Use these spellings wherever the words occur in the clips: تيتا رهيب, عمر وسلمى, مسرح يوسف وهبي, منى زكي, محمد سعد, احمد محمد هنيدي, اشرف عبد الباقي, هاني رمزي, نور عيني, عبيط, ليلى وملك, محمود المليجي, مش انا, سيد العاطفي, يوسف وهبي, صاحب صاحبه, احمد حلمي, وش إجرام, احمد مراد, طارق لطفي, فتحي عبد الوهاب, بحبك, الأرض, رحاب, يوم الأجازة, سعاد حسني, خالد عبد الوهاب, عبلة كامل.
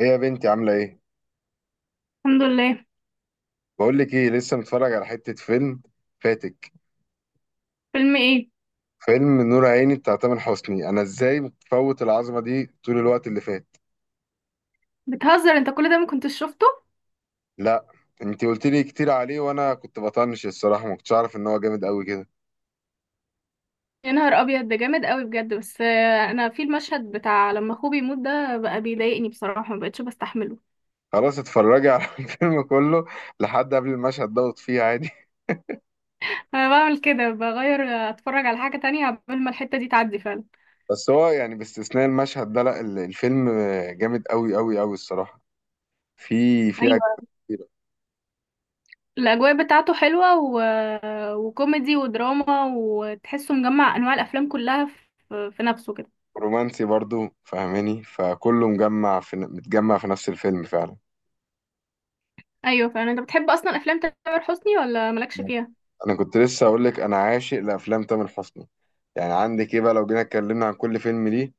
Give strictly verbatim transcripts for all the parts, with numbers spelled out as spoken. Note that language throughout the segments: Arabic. ايه يا بنتي؟ عاملة ايه؟ الحمد لله. بقول لك ايه، لسه متفرج على حتة فيلم فاتك. فيلم ايه؟ فيلم نور عيني بتاع تامر حسني. انا ازاي مفوت العظمة دي طول الوقت اللي فات؟ بتهزر انت، كل ده ما كنتش شفته. لا. انتي قلت لي كتير عليه وانا كنت بطنش الصراحة، ما كنتش اعرف ان هو جامد قوي كده. يا نهار ابيض، ده جامد قوي بجد، بس آه، انا في المشهد بتاع لما اخوه بيموت ده بقى بيضايقني بصراحه، ما بقتش بستحمله. خلاص اتفرجي على الفيلم كله لحد قبل المشهد دوت، فيه عادي. انا بعمل كده، بغير آه، اتفرج على حاجه تانية قبل ما الحته دي تعدي فعلا. بس هو يعني باستثناء المشهد ده، لا، ال- الفيلم جامد قوي قوي قوي الصراحة. في في أجزاء ايوه، كتيرة. الاجواء بتاعته حلوه و... وكوميدي ودراما، وتحسه مجمع انواع الافلام كلها في, في نفسه كده. رومانسي برضو، فاهماني؟ فكله مجمع في، متجمع في نفس الفيلم فعلا. ايوه فعلا. انت بتحب اصلا افلام تامر حسني ولا مالكش فيها؟ انا كنت لسه اقول لك، انا عاشق لافلام تامر حسني. يعني عندك ايه بقى لو جينا اتكلمنا عن كل فيلم ليه.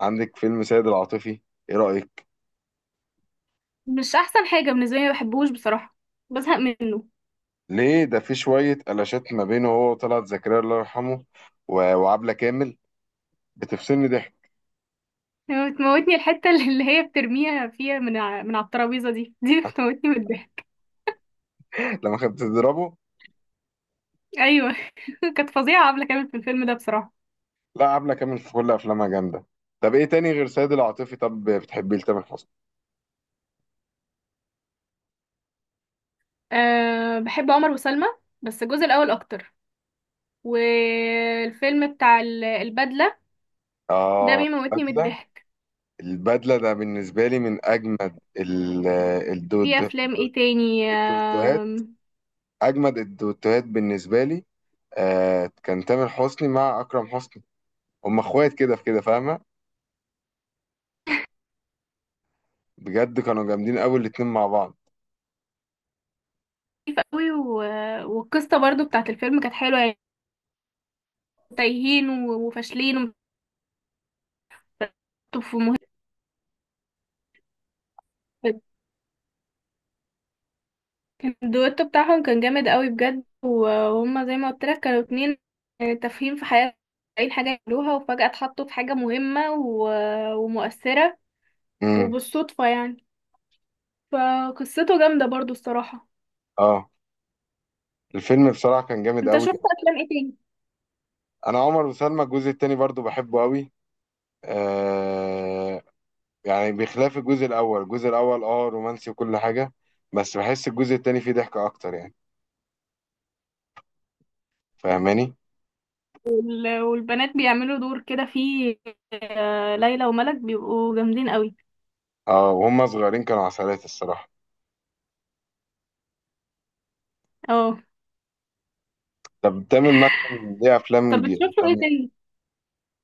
عندك فيلم سيد العاطفي، ايه رايك؟ مش احسن حاجه بالنسبه لي، ما بحبهوش بصراحه، بزهق منه. ليه ده في شويه قلاشات ما بينه هو وطلعت زكريا الله يرحمه و- وعبله كامل، بتفصلني ضحك. بتموتني الحتة اللي هي بترميها فيها من ع- من على الترابيزة، دي دي بتموتني من الضحك. لما كانت بتضربه. ايوه. كانت فظيعة عبلة كامل في الفيلم ده بصراحة. لا، عبله كامل في كل افلامها جامده. طب ايه تاني غير سيد العاطفي؟ طب بتحبيه لتامر حسني؟ أه، بحب عمر وسلمى، بس الجزء الأول أكتر. والفيلم بتاع ال- البدلة ده اه، بيموتني من البدله. الضحك. البدله ده بالنسبه لي من اجمد ال- الدو- في الدو- أفلام ايه تاني؟ الدوتوهات، آم، اجمد الدوتوهات بالنسبه لي. آه كان تامر حسني مع اكرم حسني، هم اخوات كده في كده، فاهمه؟ بجد كانوا جامدين قوي الاتنين مع بعض. خفيف قوي و... والقصة برضو بتاعت الفيلم كانت حلوة يعني. تايهين و- وفاشلين وفي مهم. كان الدويتو بتاعهم كان جامد قوي بجد، و- وهم زي ما قلت لك كانوا اتنين آه، تافهين في حياتهم، اي حاجة يعملوها، وفجأة اتحطوا في حاجة مهمة و- ومؤثرة امم. وبالصدفة يعني. فقصته جامدة برضو الصراحة. اه. الفيلم بصراحه كان جامد انت قوي. شفت افلام ايه تاني؟ انا عمر وسلمى الجزء التاني برضو بحبه قوي. آه يعني بخلاف الجزء الاول، الجزء الاول اه رومانسي وكل حاجه، بس بحس الجزء التاني فيه ضحكه اكتر، يعني فاهماني. وال- والبنات بيعملوا دور كده فيه، آه، ليلى وملك بيبقوا جامدين قوي. اه، وهم صغيرين كانوا عسلات الصراحه. اه. طب تامر مثلا ليه افلام طب ج- بتشوفوا ايه تانية؟ تاني؟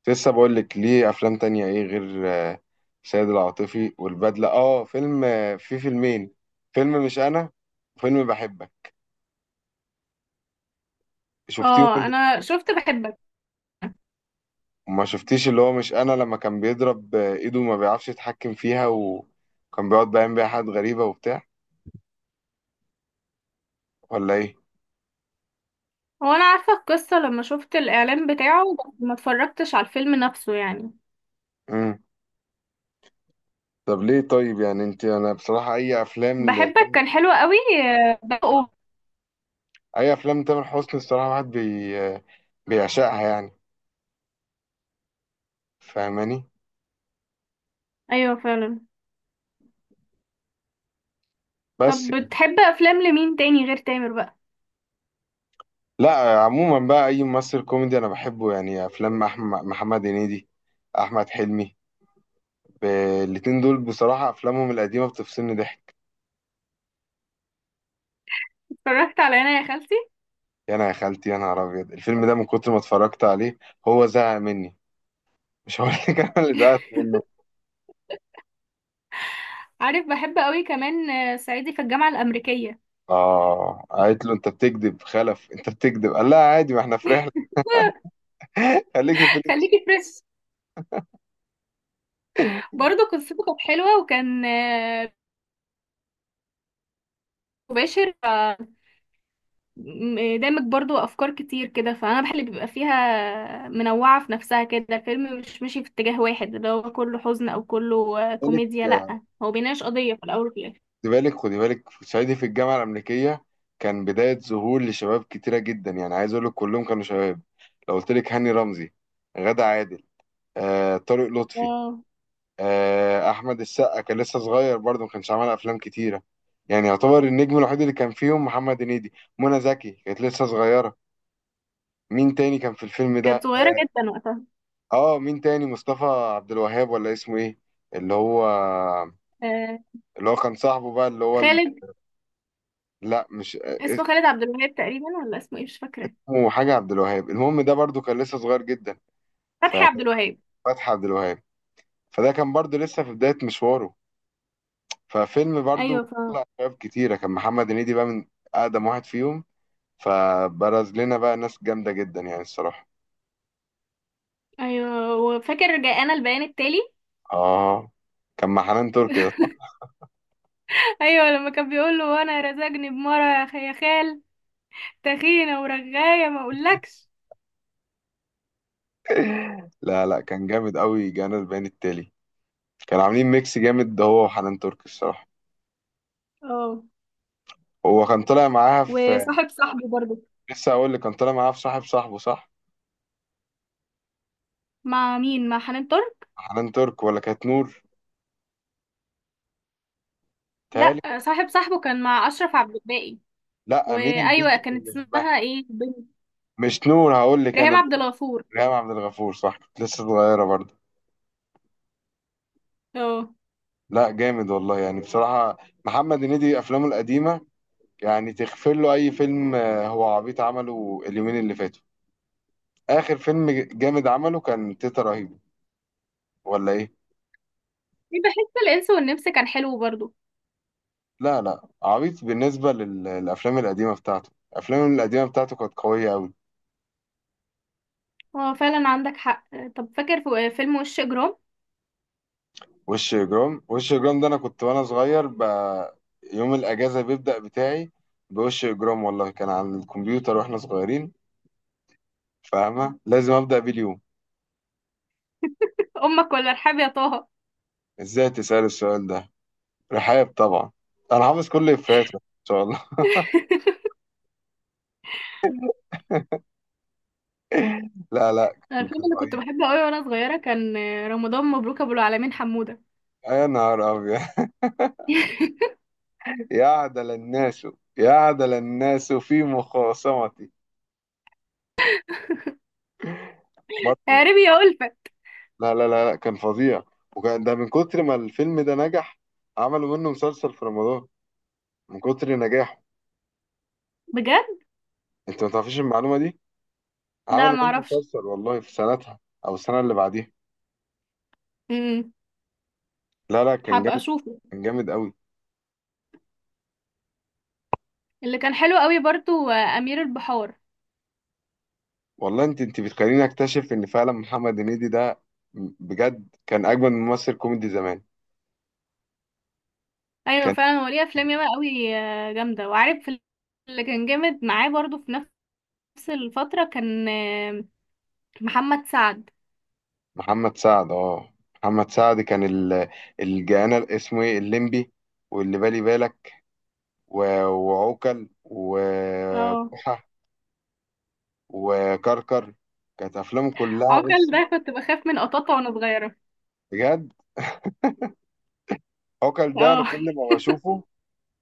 لسه بقول لك ليه افلام تانية ايه غير آه، سيد العاطفي والبدلة. اه، فيلم، آه، في فيلمين: فيلم مش انا، وفيلم بحبك. شفتيهم اه، اللي...؟ انا شفت بحبك. ما شفتيش اللي هو مش انا، لما كان بيضرب آه، ايده وما بيعرفش يتحكم فيها، وكان بيقعد بيعمل بيها حاجات غريبة وبتاع، ولا ايه؟ هو انا عارفة القصة لما شفت الاعلان بتاعه، بس ما اتفرجتش على الفيلم نفسه يعني. امم. طب ليه طيب؟ يعني انت، انا بصراحة اي افلام ل... بحبك كان حلو قوي آه، بقى. اي افلام تامر حسني الصراحة واحد بي... آه، بيعشقها، يعني فاهماني. ايوه فعلا. طب بس. بتحب افلام لمين تاني غير تامر بقى؟ لا، عموما بقى اي ممثل كوميدي انا بحبه، يعني افلام احمد محمد هنيدي، احمد حلمي. ب- الاتنين دول بصراحه افلامهم القديمه بتفصلني ضحك. اتفرجت على انا يا خالتي. يا انا يا خالتي، يا نهار ابيض، الفيلم ده من كتر ما اتفرجت عليه هو زهق مني. مش هقول لك انا اللي زهقت منه. عارف بحب قوي كمان آه، صعيدي في الجامعه الامريكيه. اه، قالت له انت بتكذب خلف، انت بتكذب، قال لها عادي ما احنا في رحله. خليكي في نفس- خليكي فريش. برضه قصته كانت حلوه، وكان آه، مباشر، آه، م- آه، دامج برضه افكار كتير كده. فانا بحب اللي بيبقى فيها منوعه في نفسها كده، الفيلم مش ماشي في اتجاه واحد اللي هو كله حزن او كله آه، خلي كوميديا. لا، هو بيناقش قضيه في الاول وفي الاخر. بالك، خدي بالك، خدي بالك في صعيدي في الجامعه الامريكيه. كان بدايه ظهور لشباب كتيره جدا، يعني عايز اقول لك كلهم كانوا شباب. لو قلت لك هاني رمزي، غادة عادل، آه، طارق لطفي، آه، آه، احمد السقا كان لسه صغير برضه ما كانش عمل افلام كتيره. يعني يعتبر النجم الوحيد اللي كان فيهم محمد هنيدي. منى زكي كانت لسه صغيره. مين تاني كان في الفيلم ده؟ كانت صغيره اه جدا وقتها. آه، مين تاني؟ مصطفى عبد الوهاب، ولا اسمه ايه؟ اللي هو آه، اللي هو كان صاحبه بقى، اللي هو ال... خالد. لا مش آه، اسمه خالد عبد الوهاب تقريبا، ولا اسمه ايه مش فاكره. اسمه حاجه عبد الوهاب. المهم ده برضه كان لسه صغير جدا. فتحي عبد الوهاب. ففتحي عبد الوهاب، فده كان برضه لسه في بدايه مشواره. ففيلم برضو ايوه ف... طلع شباب كتيرة. كان محمد هنيدي بقى من أقدم واحد فيهم، فبرز لنا بقى ناس جامدة جدا يعني الصراحة. ايوه وفاكر جاءنا البيان التالي. آه. كان مع حنان ترك ده. ايوه، لما كان بيقول له وانا رزقني بمره يا خ- يا خال، تخينه ورغايه ما اقولكش. لا، لا، كان جامد قوي، جانا البيان التالي. كانوا عاملين ميكس جامد ده هو وحنان ترك الصراحة. اه، هو كان طالع معاها في... وصاحب صاحبي برضه. لسه أقول لك، كان طالع معاها في صاحب صاحبه، صح؟ مع مين؟ مع حنان ترك؟ حنان ترك ولا كانت نور؟ تهيألي. لا، صاحب صاحبه كان مع اشرف عبد الباقي. لا، مين البنت وايوه اللي كان كانت بيحبها؟ اسمها ايه بنت؟ مش نور، هقول لك أنا ريهام عبد البنت. الغفور. ريهام عبد الغفور، صح، كانت لسه صغيرة برضه. اه لا، جامد والله يعني بصراحة. محمد هنيدي أفلامه القديمة يعني تغفر له أي فيلم آه، هو عبيط عمله اليومين اللي فاتوا. آخر فيلم جامد عمله كان تيتا رهيب، ولا إيه؟ بحس الانس والنمس كان حلو برضو. لا، لا، عبيط بالنسبة لل- للأفلام القديمة بتاعته. الأفلام القديمة بتاعته كانت قوية أوي. اه فعلا، عندك حق. طب فاكر في فيلم وش اجرام؟ وش إجرام، وش إجرام ده أنا كنت وأنا صغير ب... يوم الأجازة بيبدأ بتاعي بوش إجرام، والله كان على الكمبيوتر وإحنا صغيرين، فاهمة؟ لازم أبدأ بيه اليوم. امك ولا ارحاب يا طه؟ إزاي تسأل السؤال ده؟ رحاب طبعا. انا حافظ كل افيهاته ان شاء الله. لا، لا، أنا كان الفيلم كان اللي كنت رهيب. بحبه قوي وانا صغيره كان رمضان مبروك ابو العالمين حموده. يا نهار ابيض. يعدل الناس، يعدل الناس في مخاصمتي يا برضه. ربي يا ألفت. لا، لا، لا، لا، كان فظيع. وكان ده من كتر ما الفيلم ده نجح، عملوا منه مسلسل في رمضان من كتر نجاحه. بجد؟ انت ما تعرفيش المعلومه دي؟ لا عملوا ما منه اعرفش. مسلسل والله في سنتها او السنه اللي بعديها. امم. لا، لا، كان هبقى جامد. اشوفه. كان جامد قوي. اللي كان حلو قوي برضو آه، امير البحار. والله انت انت بتخليني اكتشف ان فعلا محمد هنيدي ده بجد كان اجمل ممثل كوميدي زمان. ايوه كان فعلا، هو ليه افلام ياما قوي آه، جامده وعارف. اللي كان جامد معاه برضو في نفس الفتره كان آه، محمد سعد. محمد سعد. اه، محمد سعد كان ال- الجانا اسمه ايه، الليمبي، واللي بالي بالك، و- وعوكل اه. وبوحة وكركر. كانت افلامه كلها، عوكل بصي ده كنت بخاف من قطاطا وانا صغيره. بجد، عوكل ده انا اه. كل ما بشوفه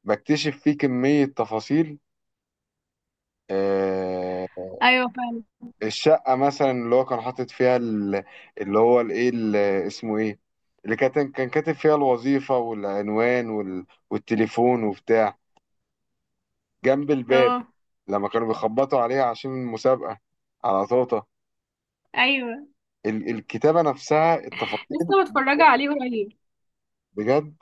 بكتشف فيه كمية تفاصيل. آه، ايوه فعلا. الشقة مثلا اللي هو كان حاطط فيها ال- اللي هو الايه ال- اسمه ايه، اللي كان كان كاتب فيها الوظيفة والعنوان وال- والتليفون وبتاع جنب الباب، اه. لما كانوا بيخبطوا عليها عشان المسابقة على طوطة. ايوه، ال- الكتابة نفسها، التفاصيل لسه متفرجه عليه قريب. بجد.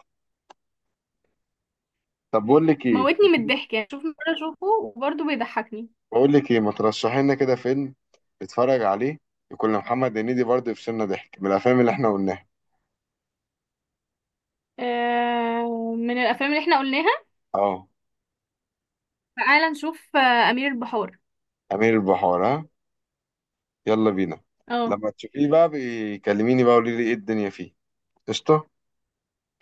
طب بقول لك ايه، موتني من الضحك يعني، شوف مرة اشوفه وبرضه بيضحكني. بقول لك ايه، ما ترشحي لنا كده فيلم نتفرج عليه، يكون لمحمد هنيدي برضه يفصلنا ضحك من الافلام اللي احنا قلناها. آه، من الافلام اللي احنا قلناها، اه، تعالى نشوف آه امير البحار. امير البحار، ها يلا بينا. اه. لما تشوفيه بقى بيكلميني بقى، قولي لي ايه الدنيا فيه. قشطة.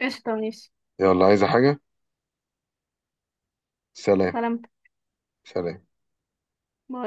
قشطة ماشي. يلا، عايزة حاجة؟ سلام. سلامتك. سلام. باي.